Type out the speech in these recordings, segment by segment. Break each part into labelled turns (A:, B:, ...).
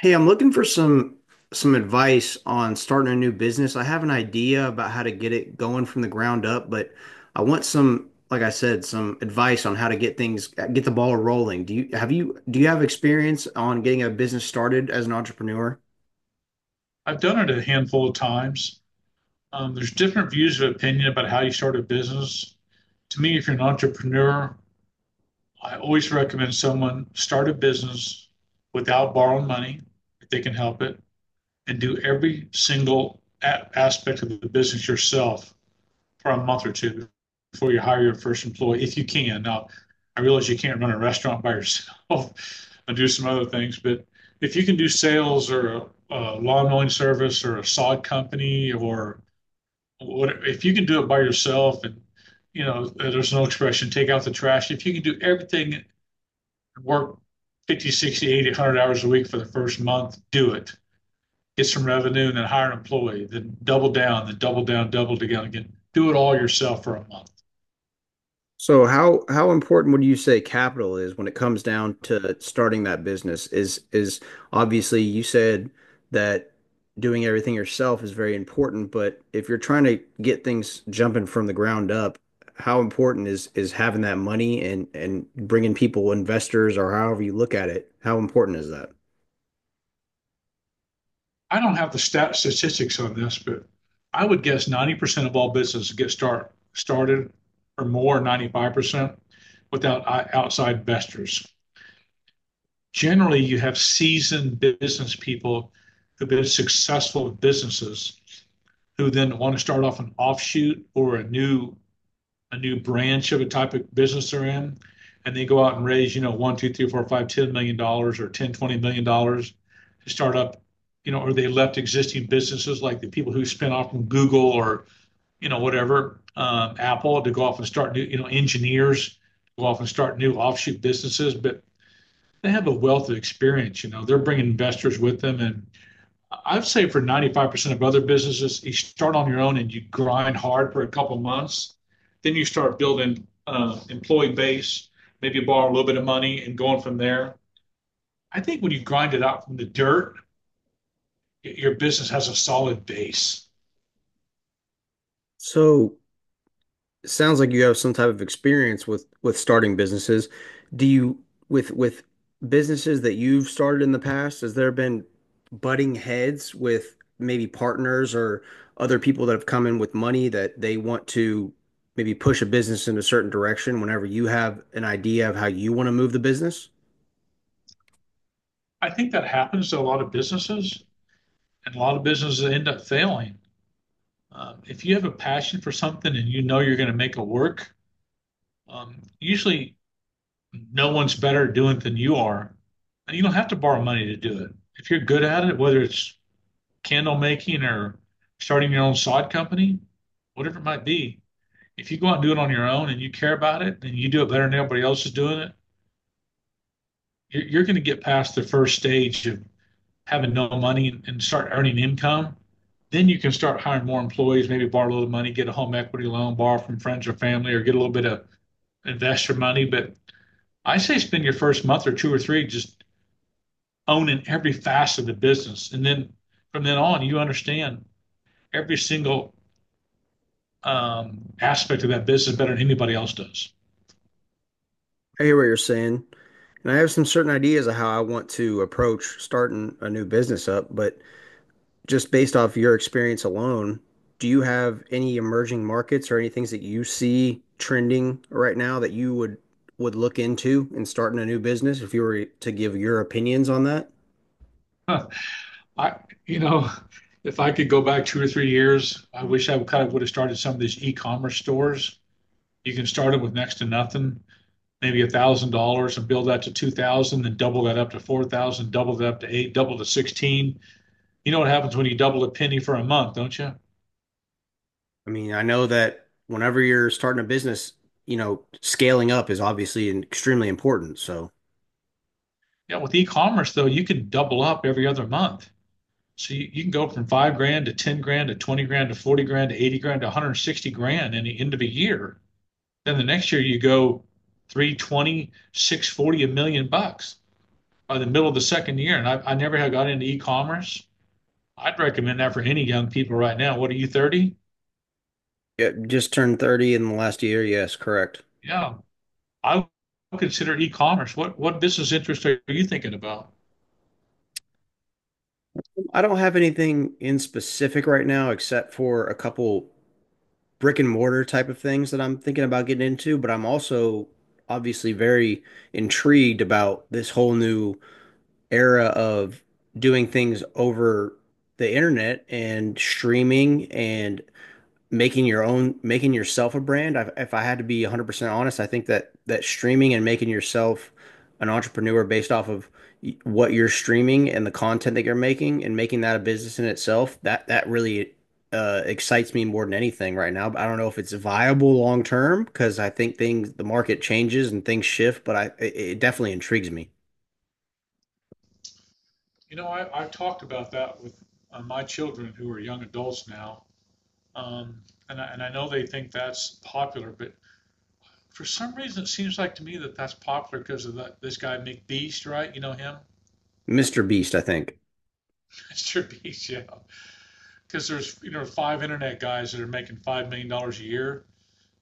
A: Hey, I'm looking for some advice on starting a new business. I have an idea about how to get it going from the ground up, but I want some, like I said, some advice on how to get the ball rolling. Do you have experience on getting a business started as an entrepreneur?
B: I've done it a handful of times. There's different views of opinion about how you start a business. To me, if you're an entrepreneur, I always recommend someone start a business without borrowing money if they can help it and do every single aspect of the business yourself for a month or two before you hire your first employee, if you can. Now, I realize you can't run a restaurant by yourself and do some other things, but if you can do sales or a lawn mowing service or a sod company or what, if you can do it by yourself and there's no expression, take out the trash. If you can do everything, work 50, 60, 80, 100 hours a week for the first month, do it. Get some revenue and then hire an employee, then double down again. Do it all yourself for a month.
A: So how important would you say capital is when it comes down to starting that business? Is Obviously you said that doing everything yourself is very important, but if you're trying to get things jumping from the ground up, how important is having that money and bringing people, investors, or however you look at it, how important is that?
B: I don't have the statistics on this, but I would guess 90% of all businesses get started or more, 95% without outside investors. Generally, you have seasoned business people who've been successful with businesses who then want to start off an offshoot or a new branch of a type of business they're in, and they go out and raise, one, two, three, four, five, $10 million or ten, $20 million to start up, or they left existing businesses like the people who spin off from Google or you know whatever Apple to go off and start new, engineers go off and start new offshoot businesses, but they have a wealth of experience. They're bringing investors with them, and I'd say for 95% of other businesses, you start on your own and you grind hard for a couple months. Then you start building employee base, maybe borrow a little bit of money and going from there. I think when you grind it out from the dirt, your business has a solid base.
A: So it sounds like you have some type of experience with starting businesses. Do you with businesses that you've started in the past, has there been butting heads with maybe partners or other people that have come in with money that they want to maybe push a business in a certain direction whenever you have an idea of how you want to move the business?
B: I think that happens to a lot of businesses, and a lot of businesses end up failing. If you have a passion for something and you know you're going to make it work, usually no one's better at doing it than you are. And you don't have to borrow money to do it. If you're good at it, whether it's candle making or starting your own sod company, whatever it might be, if you go out and do it on your own and you care about it and you do it better than everybody else is doing it, you're going to get past the first stage of having no money and start earning income. Then you can start hiring more employees, maybe borrow a little money, get a home equity loan, borrow from friends or family, or get a little bit of investor money. But I say spend your first month or two or three just owning every facet of the business. And then from then on, you understand every single aspect of that business better than anybody else does.
A: I hear what you're saying, and I have some certain ideas of how I want to approach starting a new business up, but just based off your experience alone, do you have any emerging markets or any things that you see trending right now that you would look into in starting a new business if you were to give your opinions on that?
B: Huh. I, you know, if I could go back 2 or 3 years, I wish I kind of would have started some of these e-commerce stores. You can start them with next to nothing, maybe $1,000, and build that to $2,000, then double that up to $4,000, double that up to $8,000, double to $16,000. You know what happens when you double a penny for a month, don't you?
A: I mean, I know that whenever you're starting a business, scaling up is obviously extremely important. So,
B: Yeah, with e-commerce though, you can double up every other month. So you can go from 5 grand to 10 grand to 20 grand to 40 grand to 80 grand to 160 grand in the end of a year. Then the next year you go three twenty, six forty, 1 million bucks by the middle of the second year. And I never had got into e-commerce. I'd recommend that for any young people right now. What are you, 30?
A: yeah, just turned 30 in the last year. Yes, correct.
B: Yeah. I would consider e-commerce. What business interest are you thinking about?
A: I don't have anything in specific right now except for a couple brick and mortar type of things that I'm thinking about getting into, but I'm also obviously very intrigued about this whole new era of doing things over the internet and streaming and making yourself a brand. If I had to be 100% honest, I think that streaming and making yourself an entrepreneur based off of what you're streaming and the content that you're making and making that a business in itself that really excites me more than anything right now, but I don't know if it's viable long term because I think things the market changes and things shift. But it definitely intrigues me.
B: I've talked about that with my children who are young adults now. Um, and I know they think that's popular, but for some reason, it seems like to me that that's popular because of that, this guy McBeast, right? You know him,
A: Mr. Beast, I think.
B: Mr. Beast, yeah. Because there's five internet guys that are making $5 million a year.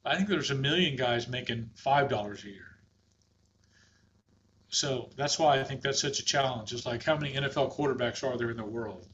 B: I think there's a million guys making $5 a year. So that's why I think that's such a challenge. It's like how many NFL quarterbacks are there in the world?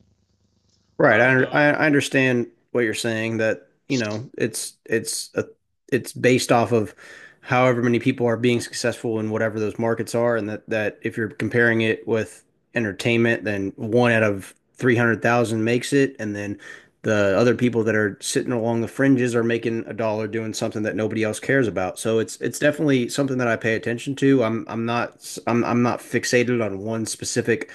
A: Right.
B: I don't
A: I,
B: know.
A: I I understand what you're saying that, it's based off of however many people are being successful in whatever those markets are. And that that if you're comparing it with entertainment, then one out of 300,000 makes it, and then the other people that are sitting along the fringes are making a dollar doing something that nobody else cares about. So it's definitely something that I pay attention to. I'm not fixated on one specific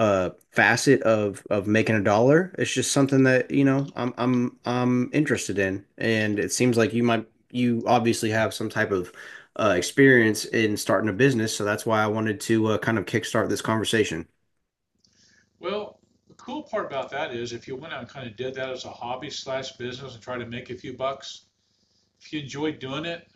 A: facet of making a dollar. It's just something that I'm interested in. And it seems like you obviously have some type of experience in starting a business, so that's why I wanted to kind of kickstart this conversation.
B: Well, the cool part about that is if you went out and kind of did that as a hobby slash business and tried to make a few bucks, if you enjoyed doing it,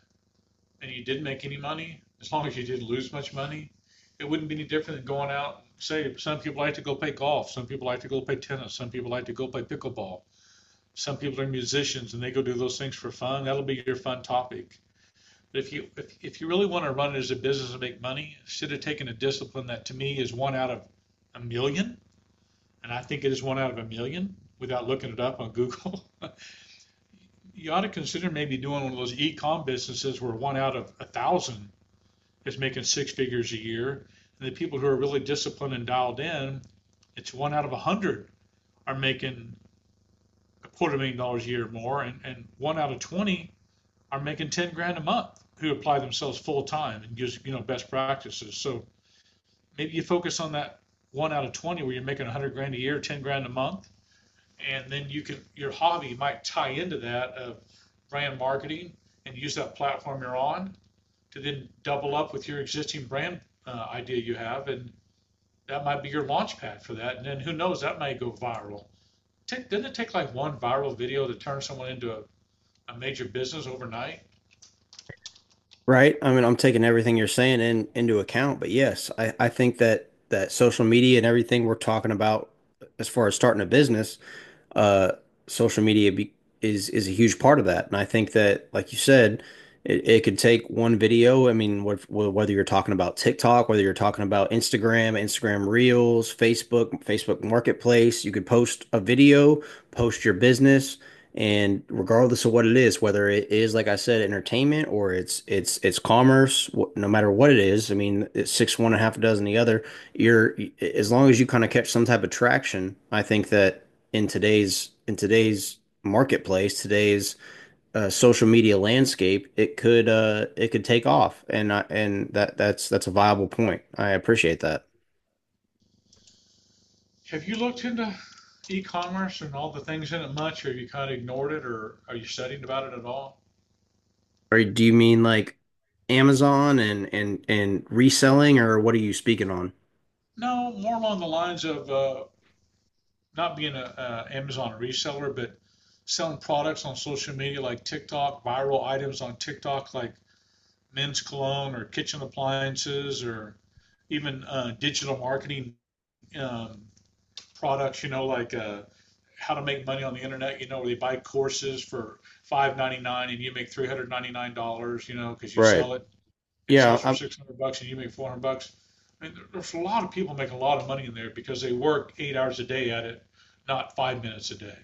B: and you didn't make any money, as long as you didn't lose much money, it wouldn't be any different than going out, say, some people like to go play golf, some people like to go play tennis, some people like to go play pickleball. Some people are musicians and they go do those things for fun. That'll be your fun topic. But if you really want to run it as a business and make money, instead of taking a discipline that to me is one out of a million, and I think it is one out of a million without looking it up on Google. You ought to consider maybe doing one of those e-com businesses where one out of a thousand is making six figures a year. And the people who are really disciplined and dialed in, it's one out of a hundred are making a quarter million dollars a year or more, and one out of 20 are making 10 grand a month who apply themselves full time and gives best practices. So maybe you focus on that one out of 20 where you're making 100 grand a year, 10 grand a month, and then you can your hobby might tie into that of brand marketing and use that platform you're on to then double up with your existing brand idea you have and that might be your launch pad for that. And then who knows, that may go viral. Take, didn't it take like one viral video to turn someone into a major business overnight?
A: Right. I mean, I'm taking everything you're saying in into account, but yes, I think that social media and everything we're talking about as far as starting a business, uh, social media be, is a huge part of that. And I think that, like you said, it could take one video. I mean, whether you're talking about TikTok, whether you're talking about Instagram, Instagram Reels, Facebook, Facebook Marketplace, you could post a video, post your business, and regardless of what it is, whether it is, like I said, entertainment or it's commerce. No matter what it is, I mean, it's six one and a half a dozen the other. You're As long as you kind of catch some type of traction, I think that in today's marketplace, today's social media landscape, it could take off. And that's a viable point. I appreciate that.
B: Have you looked into e-commerce and all the things in it much, or have you kind of ignored it, or are you studying about it at all?
A: Or do you mean like Amazon and reselling, or what are you speaking on?
B: No, more along the lines of not being an Amazon reseller, but selling products on social media like TikTok, viral items on TikTok like men's cologne or kitchen appliances, or even digital marketing um, products, like how to make money on the internet, where they buy courses for 599 and you make $399, because you
A: Right.
B: sell it. It
A: Yeah,
B: sells for
A: I
B: 600 bucks and you make 400 bucks. I mean, there's a lot of people making a lot of money in there because they work 8 hours a day at it, not 5 minutes a day.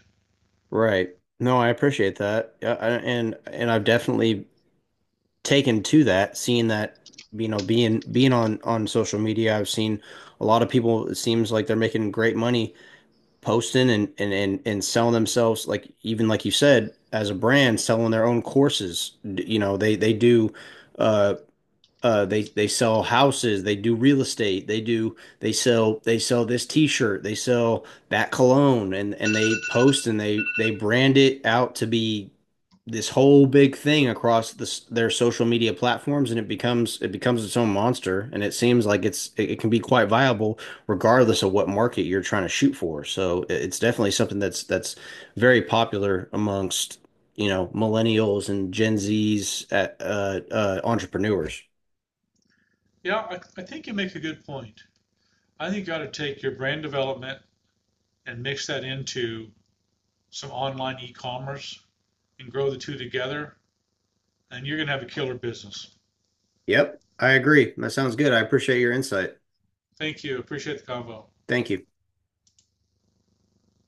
A: right. No, I appreciate that. Yeah, and I've definitely taken to that, seeing that, you know, being on social media, I've seen a lot of people. It seems like they're making great money posting and selling themselves, like even like you said, as a brand, selling their own courses. You know, they do, uh they sell houses. They do real estate. They sell this t-shirt. They sell that cologne. And they post, and they brand it out to be this whole big thing across this their social media platforms. And it becomes its own monster. And it seems like it can be quite viable regardless of what market you're trying to shoot for. So it's definitely something that's very popular amongst, you know, millennials and gen z's entrepreneurs.
B: Yeah, I think you make a good point. I think you ought to take your brand development and mix that into some online e-commerce and grow the two together, and you're gonna have a killer business.
A: Yep, I agree. That sounds good. I appreciate your insight.
B: Thank you. Appreciate the convo.
A: Thank you.